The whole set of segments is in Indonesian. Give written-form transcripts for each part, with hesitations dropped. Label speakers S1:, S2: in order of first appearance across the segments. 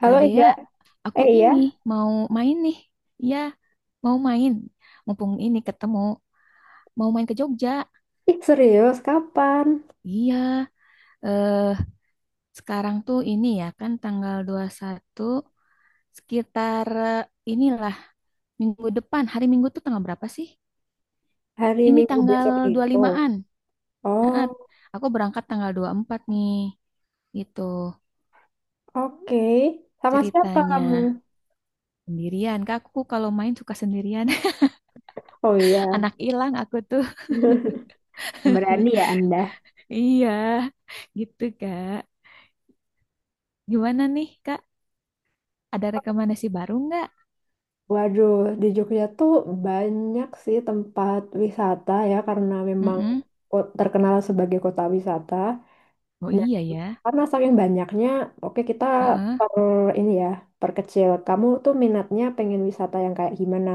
S1: Halo
S2: Kak
S1: Ega,
S2: Dea, aku
S1: iya,
S2: ini mau main nih. Iya, mau main. Mumpung ini ketemu, mau main ke Jogja.
S1: ih serius kapan?
S2: Iya, eh sekarang tuh ini ya kan tanggal 21. Sekitar inilah minggu depan. Hari Minggu tuh tanggal berapa sih?
S1: Hari
S2: Ini
S1: Minggu
S2: tanggal
S1: besok itu.
S2: 25-an. Heeh,
S1: Oh,
S2: aku berangkat tanggal 24 nih. Gitu
S1: oke. Sama siapa kamu?
S2: ceritanya. Sendirian, Kak. Aku kalau main suka sendirian.
S1: Oh iya,
S2: Anak hilang aku tuh.
S1: berani ya Anda.
S2: Iya, gitu, Kak. Gimana nih, Kak? Ada rekomendasi baru nggak?
S1: Waduh, di Jogja tuh banyak sih tempat wisata ya karena memang
S2: Mm-mm.
S1: terkenal sebagai kota wisata.
S2: Oh iya ya.
S1: Karena saking banyaknya, oke kita
S2: Heeh.
S1: per ini ya, perkecil. Kamu tuh minatnya pengen wisata yang kayak gimana?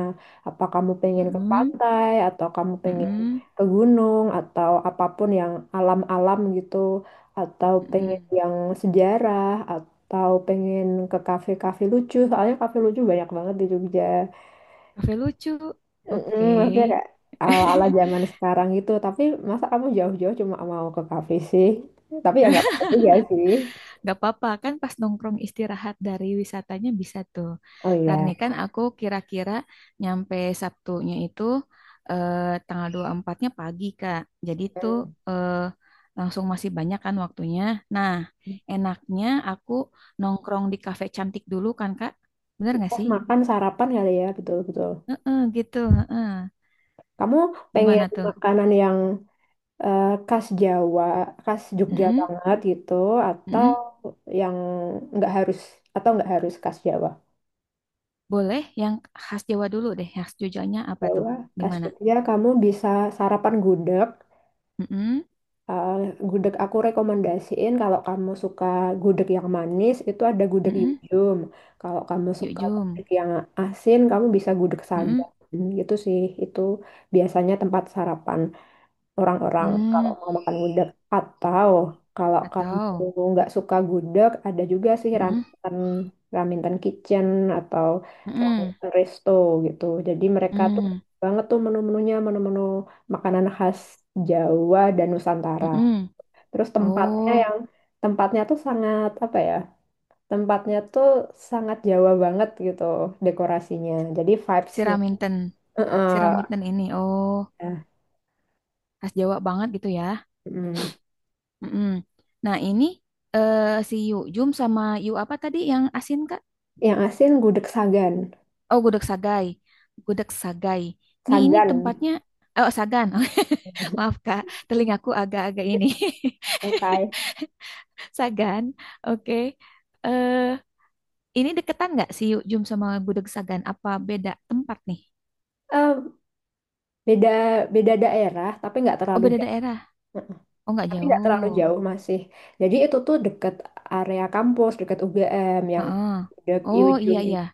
S1: Apa kamu pengen ke
S2: Mm-mm.
S1: pantai, atau kamu pengen
S2: Mm-mm.
S1: ke gunung, atau apapun yang alam-alam gitu, atau
S2: Mm-mm.
S1: pengen yang sejarah, atau pengen ke kafe-kafe lucu. Soalnya kafe lucu banyak banget di Jogja.
S2: Cafe lucu.
S1: Mm-mm,
S2: Oke.
S1: maksudnya kayak ala-ala zaman sekarang gitu. Tapi masa kamu jauh-jauh cuma mau ke kafe sih? Tapi ya nggak apa-apa juga sih.
S2: Gak apa-apa, kan pas nongkrong istirahat dari wisatanya bisa tuh.
S1: Oh
S2: Karena
S1: iya.
S2: kan aku kira-kira nyampe Sabtunya itu eh, tanggal 24 empatnya pagi, Kak. Jadi tuh
S1: Hmm.
S2: eh, langsung masih banyak kan waktunya. Nah, enaknya aku nongkrong di kafe cantik dulu kan, Kak. Bener gak
S1: Pas
S2: sih?
S1: makan sarapan kali ya, betul-betul.
S2: Heeh, gitu. Heeh.
S1: Kamu
S2: Gimana
S1: pengen
S2: tuh?
S1: makanan yang khas Jawa, khas Jogja
S2: Mm-mm,
S1: banget gitu, atau
S2: mm-mm.
S1: yang nggak harus, atau nggak harus khas Jawa?
S2: Boleh yang khas Jawa dulu deh. Khas Jogjanya apa tuh?
S1: Jawa,
S2: Di
S1: khas
S2: mana?
S1: Jogja, kamu bisa sarapan gudeg.
S2: Mm-mm,
S1: Eh, gudeg aku rekomendasiin kalau kamu suka gudeg yang manis, itu ada gudeg
S2: mm-mm.
S1: Yujum. Kalau kamu
S2: Yuk,
S1: suka gudeg
S2: jom.
S1: yang asin, kamu bisa gudeg
S2: Mm-mm.
S1: Sagan. Gitu sih, itu biasanya tempat sarapan. Orang-orang kalau
S2: Hmm,
S1: mau makan gudeg. Atau kalau kamu
S2: atau
S1: nggak suka gudeg, ada juga sih
S2: hmm,
S1: Raminten, Raminten Kitchen atau
S2: hmm,
S1: Raminten Resto gitu. Jadi mereka tuh
S2: hmm,
S1: banyak banget tuh menu-menunya, menu-menu makanan khas Jawa dan Nusantara.
S2: hmm, hmm.
S1: Terus tempatnya
S2: Oh,
S1: yang tempatnya tuh sangat apa ya? Tempatnya tuh sangat Jawa banget gitu dekorasinya. Jadi vibes-nya.
S2: siraminten,
S1: Heeh.
S2: siraminten ini. Oh,
S1: Nah,
S2: khas Jawa banget gitu ya.
S1: mm.
S2: Hmm. Hmm. Nah, ini eh, si Yu Jum sama Yu apa tadi yang asin Kak?
S1: Yang asin gudeg Sagan.
S2: Oh, gudeg sagai. Gudeg sagai. Nih ini
S1: Sagan.
S2: tempatnya. Oh, Sagan. Maaf Kak, telingaku agak-agak ini.
S1: Oke.
S2: Sagan. Oke. Eh, ini deketan nggak si Yu Jum sama gudeg Sagan? Apa beda tempat nih?
S1: Eh, beda beda daerah tapi nggak
S2: Oh
S1: terlalu
S2: beda
S1: jauh,
S2: daerah. Oh nggak
S1: tapi nggak terlalu
S2: jauh.
S1: jauh, masih jadi itu tuh deket area kampus deket UGM yang
S2: Heeh.
S1: dek
S2: Oh iya
S1: ujung
S2: iya.
S1: itu,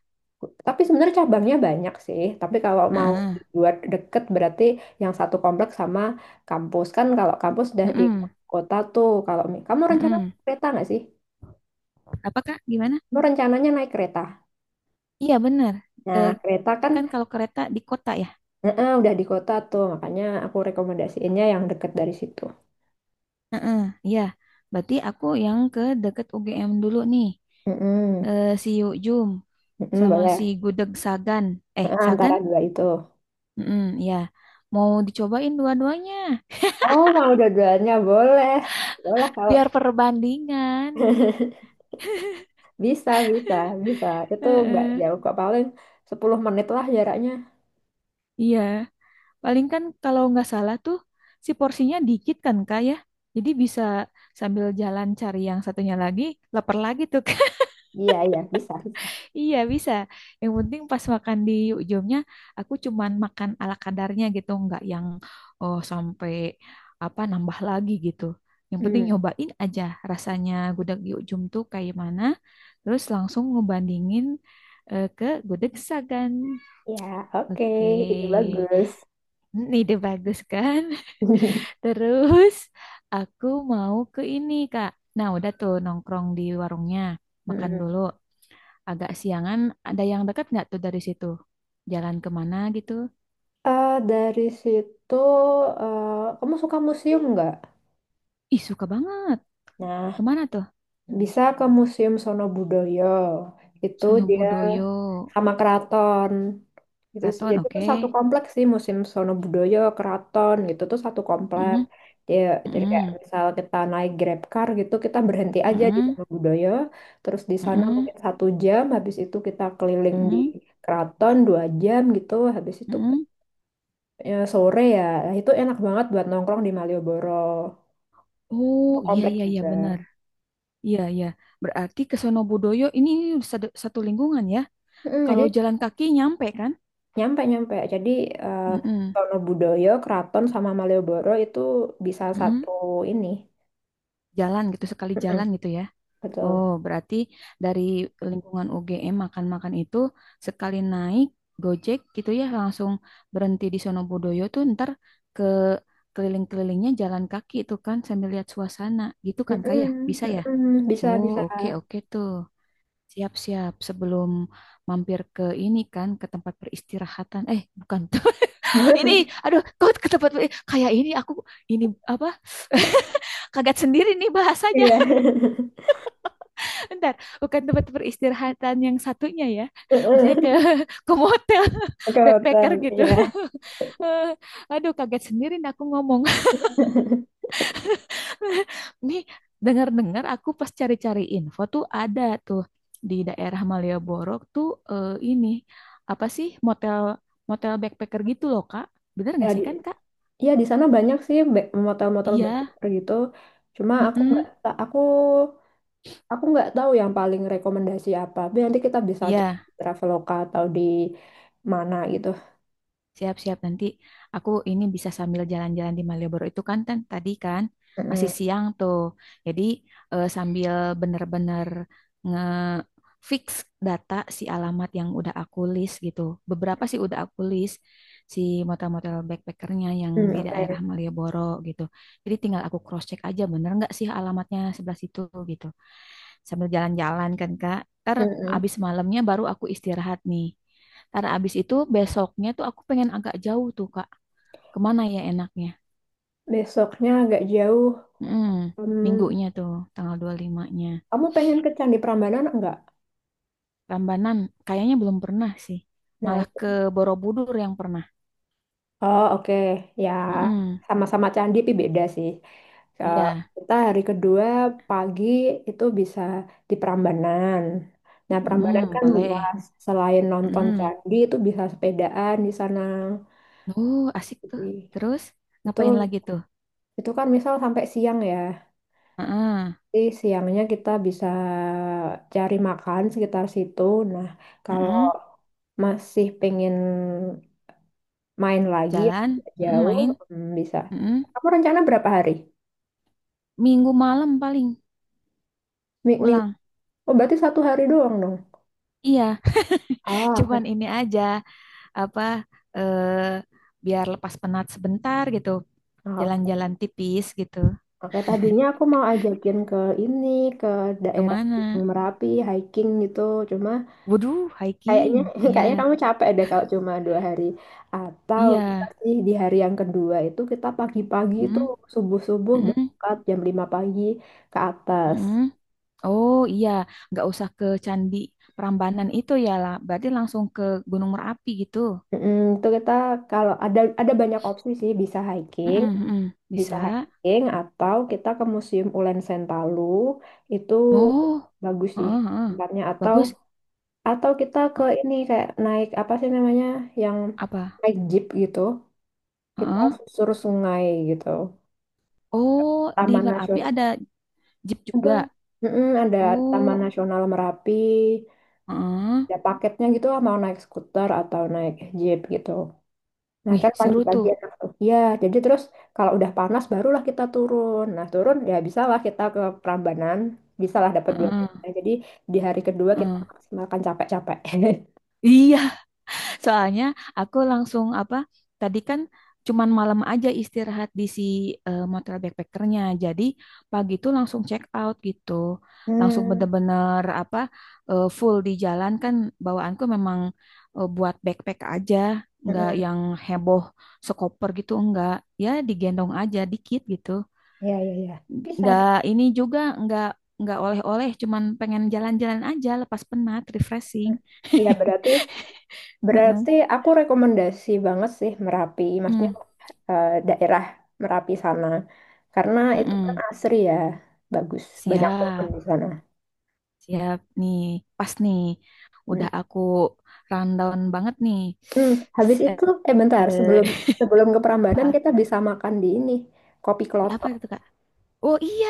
S1: tapi sebenarnya cabangnya banyak sih, tapi kalau mau
S2: Heeh.
S1: buat deket berarti yang satu kompleks sama kampus. Kan kalau kampus udah di
S2: Mm-mm.
S1: kota tuh, kalau kamu rencana
S2: Mm-mm.
S1: naik kereta nggak sih,
S2: Apa Kak? Gimana?
S1: kamu rencananya naik kereta,
S2: Iya benar.
S1: nah
S2: Eh,
S1: kereta kan
S2: kan kalau kereta di kota ya.
S1: udah di kota tuh, makanya aku rekomendasiinnya yang deket dari situ.
S2: Heeh. Iya. Berarti aku yang ke deket UGM dulu nih.
S1: Mm-mm.
S2: Eh, si Yukjum
S1: Mm-mm,
S2: sama si
S1: boleh.
S2: Gudeg Sagan. Eh
S1: Nah,
S2: Sagan?
S1: antara dua itu.
S2: Mm-mm, ya. Mau dicobain dua-duanya.
S1: Oh, mau dua-duanya boleh. Boleh kalau
S2: Biar perbandingan.
S1: bisa, bisa, bisa. Itu nggak
S2: Heeh.
S1: jauh kok, paling 10 menit lah jaraknya.
S2: Iya. Paling kan kalau nggak salah tuh si porsinya dikit kan Kak ya. Jadi bisa sambil jalan cari yang satunya lagi, lapar lagi tuh Kak.
S1: Iya, iya, bisa, bisa.
S2: Iya bisa. Yang penting pas makan di ujungnya aku cuman makan ala kadarnya gitu, nggak yang oh sampai apa nambah lagi gitu. Yang penting
S1: Hmm.
S2: nyobain aja rasanya gudeg di ujung tuh kayak mana, terus langsung ngebandingin ke gudeg Sagan.
S1: Ya, oke,
S2: Oke.
S1: itu bagus.
S2: Ini ide bagus kan? Terus aku mau ke ini, Kak. Nah, udah tuh nongkrong di warungnya, makan
S1: Mm.
S2: dulu. Agak siangan, ada yang dekat nggak tuh dari situ? Jalan kemana gitu?
S1: Dari situ, eh, kamu suka museum nggak?
S2: Ih, suka banget.
S1: Nah,
S2: Kemana tuh?
S1: bisa ke Museum Sonobudoyo. Itu dia
S2: Sonobudoyo,
S1: sama keraton. Gitu sih.
S2: Keraton,
S1: Jadi itu
S2: oke.
S1: satu kompleks sih, Museum Sonobudoyo, keraton gitu tuh satu kompleks.
S2: Mm-mm,
S1: Ya, jadi kayak
S2: mm-mm,
S1: misal kita naik Grab car gitu, kita berhenti aja di
S2: mm-mm,
S1: Sonobudoyo, terus di sana mungkin satu jam, habis itu kita keliling di keraton dua jam gitu, habis itu ya, sore ya. Nah, itu enak banget buat nongkrong di Malioboro.
S2: oh,
S1: Itu
S2: iya,
S1: kompleks
S2: iya, iya,
S1: juga.
S2: benar. Iya, iya. Berarti ke Sonobudoyo ini satu satu lingkungan ya.
S1: Mm,
S2: Kalau
S1: jadi
S2: jalan kaki nyampe kan?
S1: nyampe nyampe. Jadi eh
S2: Mm-mm,
S1: Sonobudoyo, Kraton sama Malioboro itu bisa
S2: mm-mm.
S1: satu ini.
S2: Jalan gitu, sekali
S1: Mm-mm,
S2: jalan gitu ya.
S1: betul.
S2: Oh, berarti dari lingkungan UGM makan-makan itu sekali naik Gojek gitu ya langsung berhenti di Sonobudoyo tuh ntar ke keliling-kelilingnya jalan kaki itu kan sambil lihat suasana gitu kan Kak ya?
S1: Mm-mm,
S2: Bisa ya?
S1: mm-mm, bisa
S2: Oh,
S1: bisa.
S2: oke oke tuh. Siap-siap sebelum mampir ke ini kan ke tempat peristirahatan. Eh, bukan tuh. Ini aduh, kok ke tempat per- kayak ini aku ini apa? Kaget sendiri nih bahasanya.
S1: Iya.
S2: Bentar, bukan tempat peristirahatan yang satunya ya. Maksudnya ke
S1: Mm-mm.
S2: motel,
S1: Ke hotel.
S2: backpacker gitu.
S1: Iya.
S2: Eh, Aduh, kaget sendiri nih aku ngomong. Nih, dengar-dengar aku pas cari-cari info tuh ada tuh di daerah Malioboro tuh ini apa sih motel motel backpacker gitu loh, Kak. Bener
S1: Ya
S2: nggak
S1: di,
S2: sih kan, Kak?
S1: ya di sana banyak sih motel-motel
S2: Iya.
S1: backpacker gitu. Cuma
S2: Mm.
S1: aku nggak tahu yang paling rekomendasi apa. Tapi nanti kita bisa cek
S2: Iya.
S1: di Traveloka atau di mana gitu.
S2: Siap-siap nanti aku ini bisa sambil jalan-jalan di Malioboro itu kan tan- tadi kan masih
S1: Mm-mm.
S2: siang tuh. Jadi sambil bener-bener nge-fix data si alamat yang udah aku list gitu. Beberapa sih udah aku list si motel-motel backpackernya yang
S1: Mm,
S2: di daerah
S1: oke.
S2: Malioboro gitu. Jadi tinggal aku cross-check aja bener nggak sih alamatnya sebelah situ gitu sambil jalan-jalan kan Kak. Ntar
S1: Mm-mm.
S2: abis malamnya baru aku istirahat nih. Ntar abis itu besoknya tuh aku pengen agak jauh tuh Kak. Kemana ya enaknya?
S1: Besoknya agak jauh.
S2: Mm,
S1: Hmm,
S2: minggunya tuh tanggal 25-nya.
S1: kamu pengen ke Candi Prambanan enggak?
S2: Rambanan kayaknya belum pernah sih.
S1: Nah,
S2: Malah ke
S1: itu.
S2: Borobudur yang pernah.
S1: Oh, oke. Ya,
S2: Mm-mm,
S1: sama-sama candi tapi beda sih. Eh,
S2: iya,
S1: kita hari kedua pagi itu bisa di Prambanan. Nah,
S2: mm-mm,
S1: Prambanan kan
S2: boleh.
S1: luas. Selain nonton
S2: Mm.
S1: candi itu bisa sepedaan di sana.
S2: Asik tuh.
S1: Jadi,
S2: Terus
S1: Itu
S2: ngapain lagi tuh?
S1: itu kan misal sampai siang ya.
S2: Heeh,
S1: Jadi siangnya kita bisa cari makan sekitar situ. Nah, kalau
S2: heeh.
S1: masih pengen main lagi yang
S2: Jalan,
S1: agak
S2: heeh,
S1: jauh,
S2: main,
S1: hmm, bisa.
S2: heeh.
S1: Kamu rencana berapa hari?
S2: Minggu malam paling
S1: Minggu.
S2: pulang.
S1: Oh, berarti satu hari doang dong.
S2: Iya,
S1: Ah, oke.
S2: cuman ini aja apa eh, biar lepas penat sebentar gitu.
S1: Ah, oke.
S2: Jalan-jalan tipis gitu.
S1: Oke, tadinya aku mau ajakin ke ini, ke daerah
S2: Kemana?
S1: Gunung Merapi, hiking gitu. Cuma
S2: Waduh,
S1: kayaknya,
S2: hiking. Iya,
S1: kayaknya kamu capek deh kalau cuma dua hari. Atau bisa
S2: iya.
S1: sih di hari yang kedua itu kita pagi-pagi itu
S2: Mm,
S1: subuh-subuh
S2: mm,
S1: berangkat jam 5 pagi ke atas.
S2: mm. Oh iya, nggak usah ke Candi Prambanan itu ya lah. Berarti langsung ke Gunung Merapi gitu.
S1: Mm, itu kita kalau ada banyak opsi sih,
S2: Mm, mm. Bisa.
S1: bisa hiking atau kita ke Museum Ulen Sentalu, itu
S2: Oh,
S1: bagus sih
S2: heeh, heeh.
S1: tempatnya, atau
S2: Bagus.
S1: kita ke
S2: Eh,
S1: ini kayak naik apa sih namanya yang
S2: apa?
S1: naik jeep gitu, kita
S2: Heeh.
S1: susur sungai gitu.
S2: Oh, di
S1: Taman
S2: Merapi
S1: Nasional,
S2: ada jeep
S1: ada,
S2: juga.
S1: mm-mm, ada Taman
S2: Oh,
S1: Nasional Merapi,
S2: heeh.
S1: ada paketnya gitu lah, mau naik skuter atau naik jeep gitu. Nah
S2: Wih,
S1: kan
S2: seru
S1: pagi-pagi
S2: tuh.
S1: enak tuh. Ya, jadi terus kalau udah panas barulah kita turun. Nah turun ya bisalah kita ke Prambanan, bisalah dapat dua jam.
S2: Heeh,
S1: Nah, jadi di hari kedua kita
S2: heeh.
S1: maksimalkan capek-capek.
S2: Iya, soalnya aku langsung apa? Tadi kan cuman malam aja istirahat di si motor backpackernya. Jadi pagi tuh langsung check out gitu. Langsung
S1: Hmm,
S2: bener-bener apa? Full di jalan kan bawaanku memang buat backpack aja, nggak
S1: mm-mm.
S2: yang heboh sekoper gitu enggak. Ya digendong aja dikit gitu.
S1: Ya, ya, ya. Bisa,
S2: Nggak
S1: bisa.
S2: ini juga nggak oleh-oleh cuman pengen jalan-jalan aja lepas penat refreshing.
S1: Ya berarti
S2: Heeh.
S1: Berarti aku rekomendasi banget sih Merapi, maksudnya
S2: Mm,
S1: daerah Merapi sana. Karena itu kan
S2: mm-mm.
S1: asri ya, bagus, banyak pohon
S2: Siap,
S1: di sana.
S2: siap nih, pas nih,
S1: Hmm.
S2: udah aku rundown banget nih.
S1: Hmm, habis
S2: S- eh,
S1: itu, bentar,
S2: eh,
S1: sebelum sebelum ke
S2: apa,
S1: Prambanan kita bisa makan di ini, kopi
S2: apa
S1: klotok.
S2: itu Kak? Oh iya,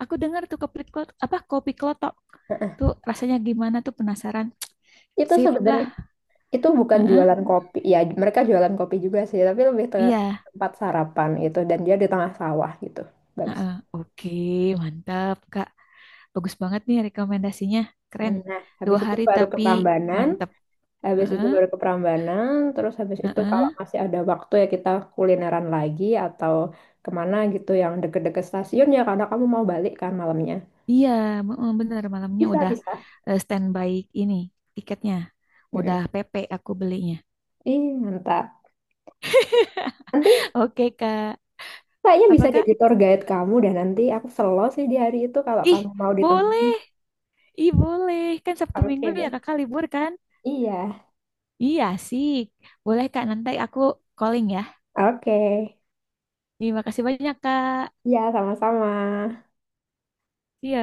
S2: aku dengar tuh kopi klotok, apa kopi klotok
S1: Heeh.
S2: tuh rasanya gimana tuh penasaran.
S1: Itu
S2: Sip
S1: sebenarnya
S2: lah.
S1: itu bukan
S2: Heeh,
S1: jualan kopi, ya mereka jualan kopi juga sih, tapi lebih ke
S2: iya.
S1: tempat sarapan gitu, dan dia di tengah sawah gitu, bagus.
S2: Heeh. Oke, mantap Kak. Bagus banget nih rekomendasinya. Keren.
S1: Hmm, Nah,
S2: Dua
S1: habis itu
S2: hari
S1: baru ke
S2: tapi
S1: Prambanan,
S2: mantep.
S1: Habis itu
S2: Heeh,
S1: baru ke Prambanan, terus habis itu
S2: heeh.
S1: kalau masih ada waktu ya kita kulineran lagi atau kemana gitu yang deket-deket stasiun ya karena kamu mau balik kan malamnya.
S2: Iya, heeh, bener. Malamnya
S1: Bisa,
S2: udah
S1: bisa.
S2: standby ini tiketnya. Udah
S1: Mm-mm.
S2: PP aku belinya.
S1: Ih, mantap. Nanti
S2: Oke, Kak.
S1: kayaknya
S2: Apa,
S1: bisa
S2: Kak?
S1: jadi tour guide kamu dan nanti aku selo sih di hari itu kalau
S2: Ih,
S1: kamu mau ditemenin.
S2: boleh. Ih, boleh. Kan Sabtu
S1: Oke
S2: Minggu ya
S1: deh.
S2: Kakak libur kan?
S1: Iya,
S2: Iya, sih. Boleh, Kak. Nanti aku calling ya.
S1: oke.
S2: Terima kasih banyak, Kak.
S1: Iya, sama-sama.
S2: Iya.